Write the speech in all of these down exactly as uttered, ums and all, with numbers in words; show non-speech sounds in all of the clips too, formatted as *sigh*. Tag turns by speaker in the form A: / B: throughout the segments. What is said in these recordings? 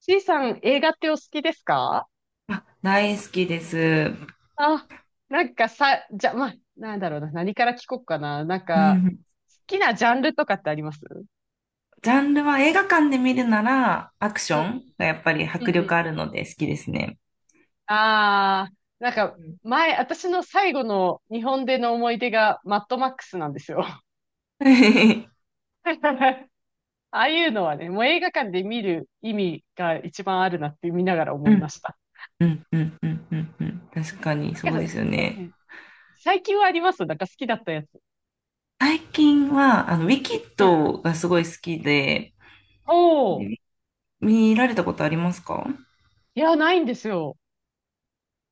A: C さん、映画ってお好きですか？
B: 大好きです。う
A: あ、なんかさ、じゃ、まあ、なんだろうな、何から聞こうかな。なんか、
B: ん。
A: 好きなジャンルとかってあります？
B: ジャンルは映画館で見るならアクシ
A: う
B: ョ
A: ん、
B: ンがやっぱり
A: うん、
B: 迫
A: う
B: 力
A: ん。
B: あるので好きですね。
A: ああ、なんか、
B: うん
A: 前、私の最後の日本での思い出がマッドマックスなんですよ。
B: *laughs*
A: *laughs* ああいうのはね、もう映画館で見る意味が一番あるなって見ながら
B: う
A: 思いま
B: ん、
A: した。
B: うん、うん、うん、うん、うん。確かに
A: な
B: そ
A: ん
B: う
A: か、
B: で
A: ね
B: すよね。
A: 最近はあります？なんか好きだったやつ。
B: 最近は、あの、ウィキッ
A: うん。
B: ドがすごい好きで、
A: おー、
B: で、見られたことありますか？
A: いや、ないんですよ。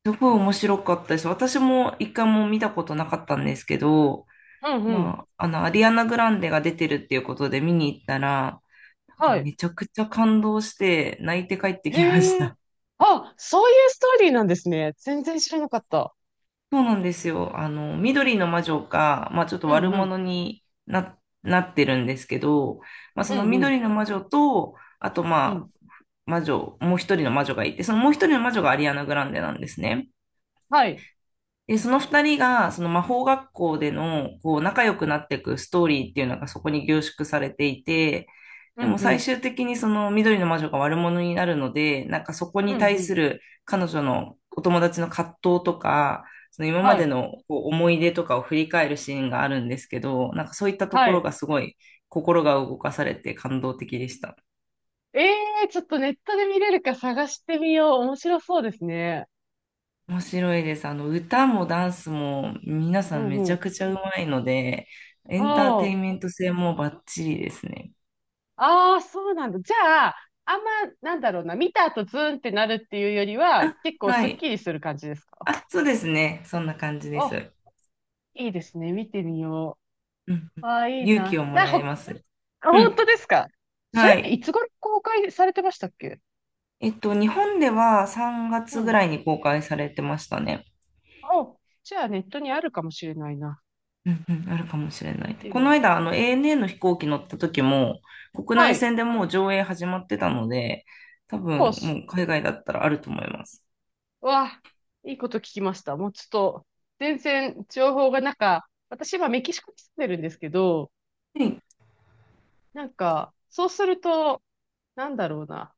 B: すごい面白かったです。私も一回も見たことなかったんですけど、
A: うんうん。
B: まあ、あの、アリアナ・グランデが出てるっていうことで見に行ったら、なんか
A: はい。
B: めちゃくちゃ感動して泣いて帰って
A: へ
B: きまし
A: え。
B: た。
A: あ、そういうストーリーなんですね。全然知らなかった。
B: そうなんですよ。あの、緑の魔女が、まあちょっと
A: う
B: 悪
A: んうん。
B: 者にな、なってるんですけど、まあそ
A: う
B: の
A: んうん。
B: 緑の魔女と、あと
A: う
B: ま
A: ん。
B: あ魔女、もう一人の魔女がいて、そのもう一人の魔女がアリアナ・グランデなんですね。
A: はい。
B: で、その二人が、その魔法学校での、こう、仲良くなっていくストーリーっていうのがそこに凝縮されていて、
A: う
B: で
A: ん
B: も
A: う
B: 最
A: ん。
B: 終的にその緑の魔女が悪者になるので、なんかそこ
A: う
B: に
A: ん
B: 対
A: う
B: す
A: ん。
B: る彼女のお友達の葛藤とか、その今ま
A: は
B: で
A: い。
B: のこう思い出とかを振り返るシーンがあるんですけど、なんかそういったと
A: は
B: ころ
A: い。
B: がすごい心が動かされて感動的でした。
A: ええ、ちょっとネットで見れるか探してみよう。面白そうですね。
B: 面白いです。あの、歌もダンスも皆さ
A: う
B: ん
A: ん
B: めち
A: う
B: ゃ
A: ん。
B: くちゃうまいので、エンターテイン
A: ほ
B: メ
A: う。
B: ント性もバッチリですね。
A: ああ、そうなんだ。じゃあ、あんま、なんだろうな。見た後ズーンってなるっていうよりは、
B: あ、
A: 結構
B: は
A: スッ
B: い。
A: キリする感じですか？
B: あ、そうですね。そんな感じで
A: あ、
B: す。
A: いいですね。見てみよ
B: うん。う
A: う。
B: ん、
A: ああ、いい
B: 勇気を
A: な。
B: も
A: な、
B: ら
A: ほ、
B: えま
A: あ、
B: す。う
A: 本
B: ん。
A: 当ですか？それ
B: は
A: ってい
B: い。
A: つ頃公開されてましたっけ？
B: えっと、日本では3
A: う
B: 月ぐ
A: ん。
B: らいに公開されてましたね。
A: あ、じゃあネットにあるかもしれないな。
B: うんうん、あるかもしれない。
A: 見て
B: こ
A: み
B: の
A: よう。
B: 間、あの エーエヌエー の飛行機乗った時も、国
A: は
B: 内
A: い。
B: 線でもう上映始まってたので、多
A: そうっ
B: 分も
A: す。
B: う海外だったらあると思います。
A: うわ、いいこと聞きました。もうちょっと、全然情報がなんか、私今メキシコに住んでるんですけど、
B: はい。
A: なんか、そうすると、なんだろうな。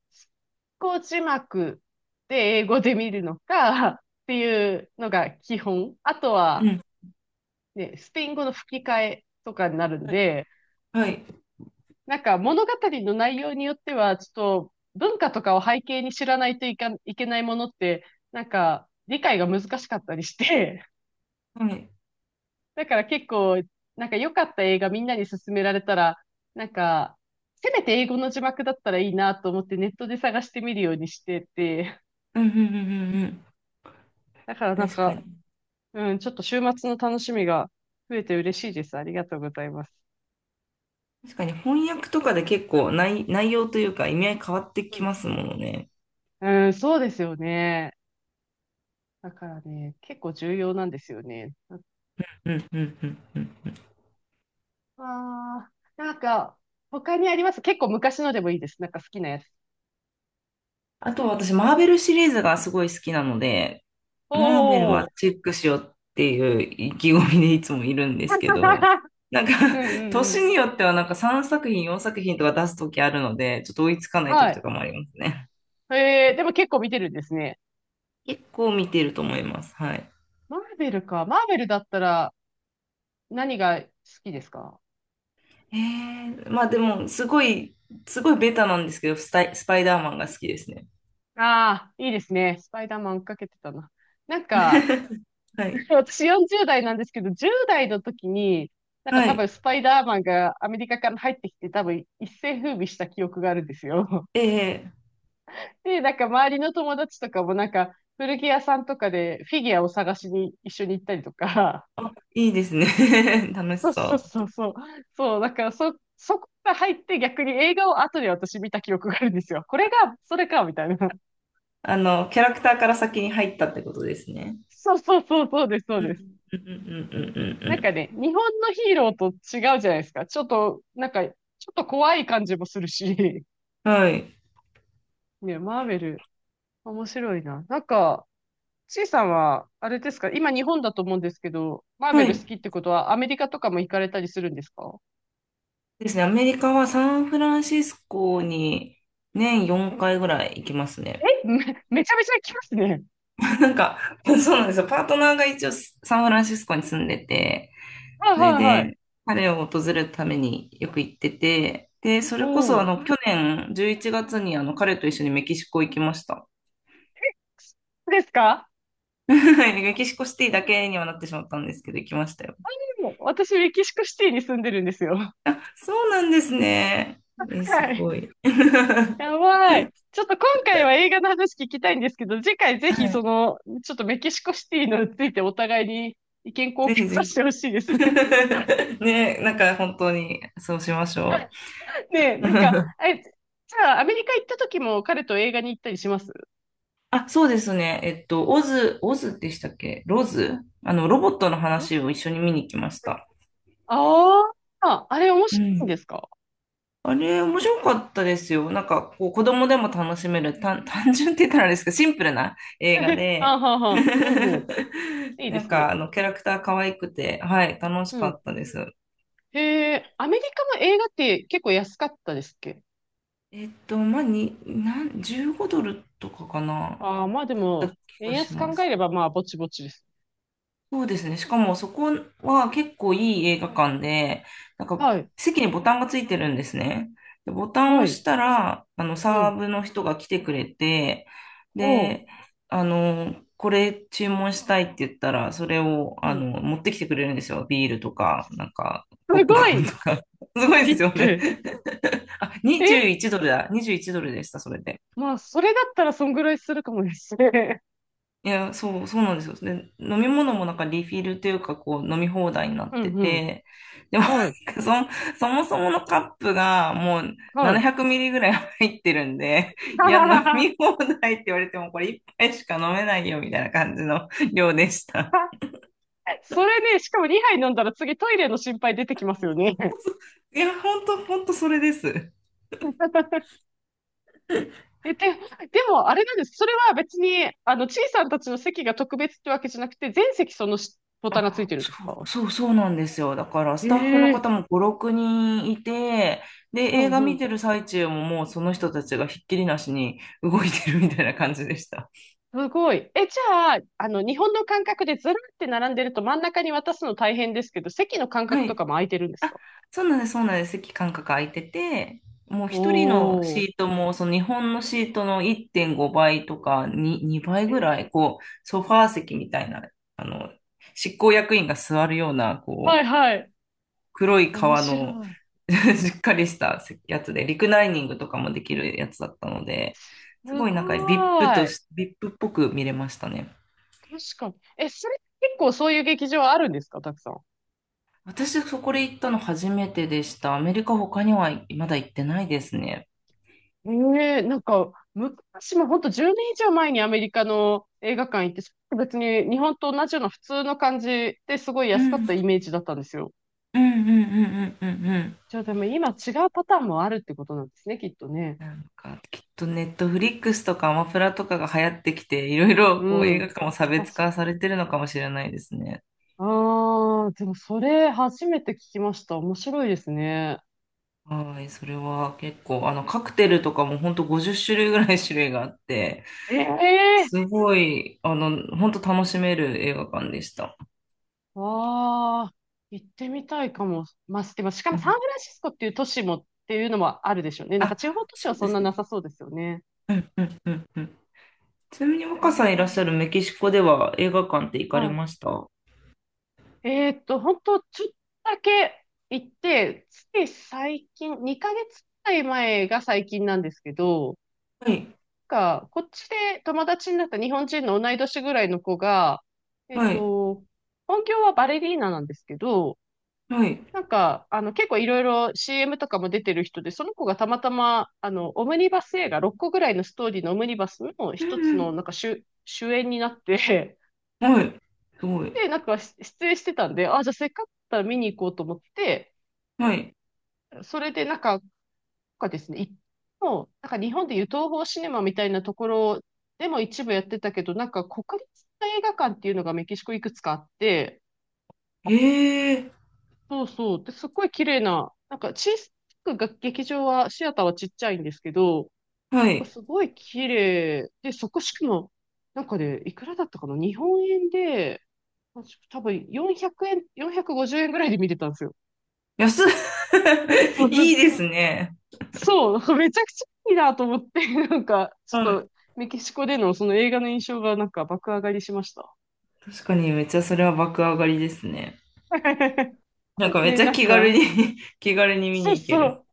A: こう字幕で英語で見るのかっていうのが基本。あと
B: う
A: は、
B: ん、
A: ね、スペイン語の吹き替えとかになるん
B: はい。
A: で、
B: はい。
A: なんか物語の内容によっては、ちょっと文化とかを背景に知らないといかいけないものって、なんか理解が難しかったりして、
B: はい。
A: *laughs* だから結構、なんか良かった映画みんなに勧められたら、なんか、せめて英語の字幕だったらいいなと思ってネットで探してみるようにしてて、
B: うんうんうんうんうん。
A: *laughs* だからなん
B: 確か
A: か、
B: に。
A: うん、ちょっと週末の楽しみが増えて嬉しいです。ありがとうございます。
B: 確かに翻訳とかで結構内、内容というか意味合い変わって
A: う
B: き
A: ん、
B: ますものね。
A: うん、そうですよね。だからね、結構重要なんですよね。
B: うんうんうんうん。
A: ああ、なんか、他にあります？結構昔のでもいいです。なんか好きなやつ。
B: あと私、マーベルシリーズがすごい好きなので、
A: お
B: マーベルは
A: お。
B: チェックしようっていう意気込みでいつもいるんですけど、
A: *laughs*
B: なんか
A: うんうん
B: *laughs*
A: う
B: 年
A: ん。
B: によってはなんかさんさくひん品、よんさくひん品とか出すときあるので、ちょっと追いつかないと
A: は
B: きと
A: い。
B: かもありますね。
A: えー、でも結構見てるんですね。
B: 結構見てると思います。はい。
A: マーベルか。マーベルだったら何が好きですか？
B: ええまあでも、すごい、すごいベタなんですけど、スタイ、スパイダーマンが好きですね。
A: ああー、いいですね。スパイダーマン追っかけてたな。なんか、
B: *laughs* はい。
A: *laughs* 私よんじゅう代なんですけど、じゅう代の時に、なんか
B: は
A: 多分
B: い。
A: スパイダーマンがアメリカから入ってきて多分一世風靡した記憶があるんですよ。
B: ええ、
A: で、なんか周りの友達とかもなんか古着屋さんとかでフィギュアを探しに一緒に行ったりとか、
B: あ、いいですね。*laughs* 楽
A: *laughs*
B: し
A: そう
B: そ
A: そうそう
B: う。
A: そう、そう、だからそ、そこが入って逆に映画を後で私見た記憶があるんですよ。これが、それか、みたいな。
B: あの、キャラクターから先に入ったってことですね。
A: そうそうそう、そうです、そう
B: う
A: です。
B: ん、うん、うん、うん、う
A: なんか
B: ん
A: ね、日本のヒーローと違うじゃないですか。ちょっと、なんか、ちょっと怖い感じもするし、
B: うん。はい。
A: ね、マーベル、面白いな。なんか、ちいさんは、あれですか、今日本だと思うんですけど、マー
B: は
A: ベル好
B: い。
A: きってことはアメリカとかも行かれたりするんですか？
B: ですね。アメリカはサンフランシスコに
A: う
B: 年
A: ん、
B: よんかいぐらい行きますね。
A: え、め、めちゃめちゃ行きますね。
B: *laughs* なんか、そうなんですよ。パートナーが一応サンフランシスコに住んでて、
A: はい
B: それ
A: はいはい。
B: で、彼を訪れるためによく行ってて、で、そ
A: お
B: れこそあ
A: お。
B: の、去年じゅういちがつにあの、彼と一緒にメキシコ行きました。
A: そうですか？
B: *laughs* メキシコシティだけにはなってしまったんですけど、行きましたよ。
A: でも私、メキシコシティに住んでるんですよ。
B: そうなんですね。え、す
A: はい。
B: ごい。*laughs*
A: やばい。ちょっと今回は映画の話聞きたいんですけど、次回ぜ
B: は
A: ひそ
B: い。
A: の、ちょっとメキシコシティのついてお互いに意見
B: *laughs*
A: 交
B: ぜひ
A: 換
B: ぜ
A: させ
B: ひ。
A: てほしいですね。
B: *laughs* ね、なんか本当にそうしましょ
A: *laughs* ねえ、
B: う。
A: なんか、
B: *laughs*
A: え、じゃあアメリカ行った時も彼と映画に行ったりします？
B: あ、そうですね。えっと、オズ、オズでしたっけ、ロズ、あの、ロボットの話を一緒に見に行きました。
A: ああ、あれ面
B: う
A: 白いん
B: ん。
A: ですか？
B: あれ、面白かったですよ。なんか、こう、子供でも楽しめる、単、*laughs* 単純って言ったらあれですけど、シンプルな映画
A: *laughs* あ
B: で、
A: ははは。うんうん。
B: *laughs*
A: いいで
B: なん
A: す
B: か、
A: ね。
B: あの、キャラクター可愛くて、はい、楽し
A: う
B: か
A: ん。
B: ったです。
A: へえ、アメリカの映画って結構安かったですっけ？
B: えっと、まあ、に、なん、じゅうごドルとかかな、
A: ああー、まあで
B: だっ
A: も、
B: た気
A: 円
B: がし
A: 安考
B: ま
A: え
B: す。
A: ればまあぼちぼちです。
B: そうですね。しかもそこは結構いい映画館で、なんか
A: はい。
B: 席にボタンがついてるんですね。で、ボタンを
A: は
B: 押し
A: い。
B: たら、あの、
A: う
B: サ
A: ん。
B: ーブの人が来てくれて、
A: おう。
B: で、あの、これ注文したいって言ったら、それを、
A: う
B: あ
A: ん。
B: の、持ってきてくれるんですよ。ビールとか、なんか、ポッ
A: す
B: プコ
A: ご
B: ーンと
A: い
B: か。*laughs* すごい
A: リ
B: で
A: ッ
B: すよね。
A: プ。
B: *laughs* あ、
A: え、
B: にじゅういちドルだ。にじゅういちドルでした、それで。
A: まあ、それだったらそんぐらいするかもですね。
B: いや、そう、そうなんですよ。で、飲み物もなんかリフィルというか、こう、飲み放題にな
A: *laughs*
B: っ
A: う
B: て
A: んうん。
B: て、でも、
A: はい。
B: なんかそ、そもそものカップがもう
A: はい。
B: ななひゃくミリぐらい入ってるんで、いや、飲み放題って言われても、これ一杯しか飲めないよ、みたいな感じの量でした。
A: *laughs* それね、しかもにはい飲んだら次トイレの心配出てきますよね。
B: いや、ほんと、ほんとそれです。
A: *laughs* え、で、でも、あれなんです。それは別に、あの、ちいさんたちの席が特別ってわけじゃなくて、全席そのしボタンがついてるんです
B: そう
A: か？
B: そうそうなんですよ。だからスタッフの方
A: ええ、
B: もご、ろくにんいて、で、
A: うん
B: 映画
A: う
B: 見
A: ん。
B: てる最中ももうその人たちがひっきりなしに動いてるみたいな感じでした。
A: すごい。え、じゃあ、あの、日本の感覚でずらって並んでると真ん中に渡すの大変ですけど、席の間
B: は
A: 隔と
B: い。
A: かも空いてるんです
B: あ、
A: か？
B: そうなんです、そうなんです。席間隔空いてて、もう一人の
A: おー。
B: シートも、その日本のシートのいってんごばいとか2、2倍
A: え
B: ぐら
A: ー、
B: い、こう、ソファー席みたいな、あの、執行役員が座るような、
A: は
B: こ
A: い
B: う、
A: はい。
B: 黒い
A: 面
B: 革
A: 白
B: の
A: い。
B: *laughs* しっかりしたやつで、リクライニングとかもできるやつだったので、す
A: す
B: ごい
A: ご
B: なんか VIP と
A: い。
B: し、ブイアイピー っぽく見れましたね。
A: 確かに。え、それ結構そういう劇場あるんですか？たくさん。
B: 私、そこで行ったの初めてでした。アメリカ他にはまだ行ってないですね。
A: ええ、なんか、昔も本当じゅうねん以上前にアメリカの映画館行って、それ別に日本と同じような普通の感じですごい
B: う
A: 安かった
B: ん。
A: イメージだったんですよ。
B: うんうんうんうんうんうん。
A: じゃあでも今違うパターンもあるってことなんですね、きっとね。
B: なんか、きっとネットフリックスとかアマプラとかが流行ってきて、いろいろ
A: う
B: こう映画
A: ん。
B: 館も差別
A: 確か
B: 化
A: に。
B: されてるのかもしれないですね。
A: ああ、でもそれ初めて聞きました。面白いですね。
B: はい、それは結構、あの、カクテルとかも本当ごじゅう種類ぐらい種類があって、
A: ええ、
B: すごい、あの、本当楽しめる映画館でした。
A: ああ、行ってみたいかも。まあ、でもしか
B: う
A: もサ
B: ん、
A: ンフランシスコっていう都市もっていうのもあるでしょうね。なんか
B: あ、
A: 地方都市
B: そ
A: は
B: う
A: そ
B: で
A: ん
B: す
A: なな
B: ね。
A: さそうですよね。
B: うんうんうんうん。ちなみに
A: あ
B: 若さんいらっしゃ
A: ー、
B: るメキシコでは映画館って行かれ
A: は
B: ました？は
A: い。えーっと、本当ちょっとだけ行って、つい最近、にかげつくらい前が最近なんですけど、
B: い、
A: なんかこっちで友達になった日本人の同い年ぐらいの子が、えっ
B: はい、
A: と、本業はバレリーナなんですけど、
B: はい。
A: なんか、あの、結構いろいろ シーエム とかも出てる人で、その子がたまたま、あの、オムニバス映画、ろっこぐらいのストーリーのオムニバスの
B: う
A: 一
B: ん
A: つ
B: う
A: の、
B: ん
A: なんか主、主演になって、
B: はい。すごい。
A: で、なんかし出演してたんで、あ、じゃあせっかくだったら見に行こうと思って、
B: はい。
A: それでなんか、なんかですね、いもう、なんか日本でいう東宝シネマみたいなところでも一部やってたけど、なんか国立映画館っていうのがメキシコいくつかあって、
B: ええ、
A: そうそう、で、すっごい綺麗な、なんか小さくが劇場は、シアターはちっちゃいんですけど、
B: はい。
A: すごい綺麗で、そこしかも、なんかね、いくらだったかな日本円で、多分よんひゃくえん、よんひゃくごじゅうえんぐらいで見れたんですよ。
B: 安っ
A: *laughs*
B: *laughs*
A: そ
B: い
A: う
B: いですね。
A: そう、*laughs* めちゃくちゃいいなと思って、*laughs* なんか、ちょっ
B: はい。
A: と、メキシコでのその映画の印象がなんか爆上がりしました。
B: 確かにめっちゃそれは爆上がりですね。なん
A: *laughs*
B: かめっ
A: ね、
B: ちゃ
A: なん
B: 気軽
A: か、
B: に *laughs* 気軽に見
A: そ
B: に
A: う
B: 行け
A: そ
B: る。
A: う、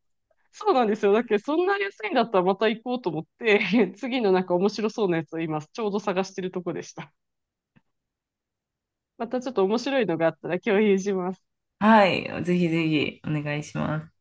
A: そうなんですよ。だけど、そんな安いんだったらまた行こうと思って、*laughs* 次のなんか面白そうなやつを今、ちょうど探してるとこでした。またちょっと面白いのがあったら共有します。
B: はい。ぜひぜひお願いします。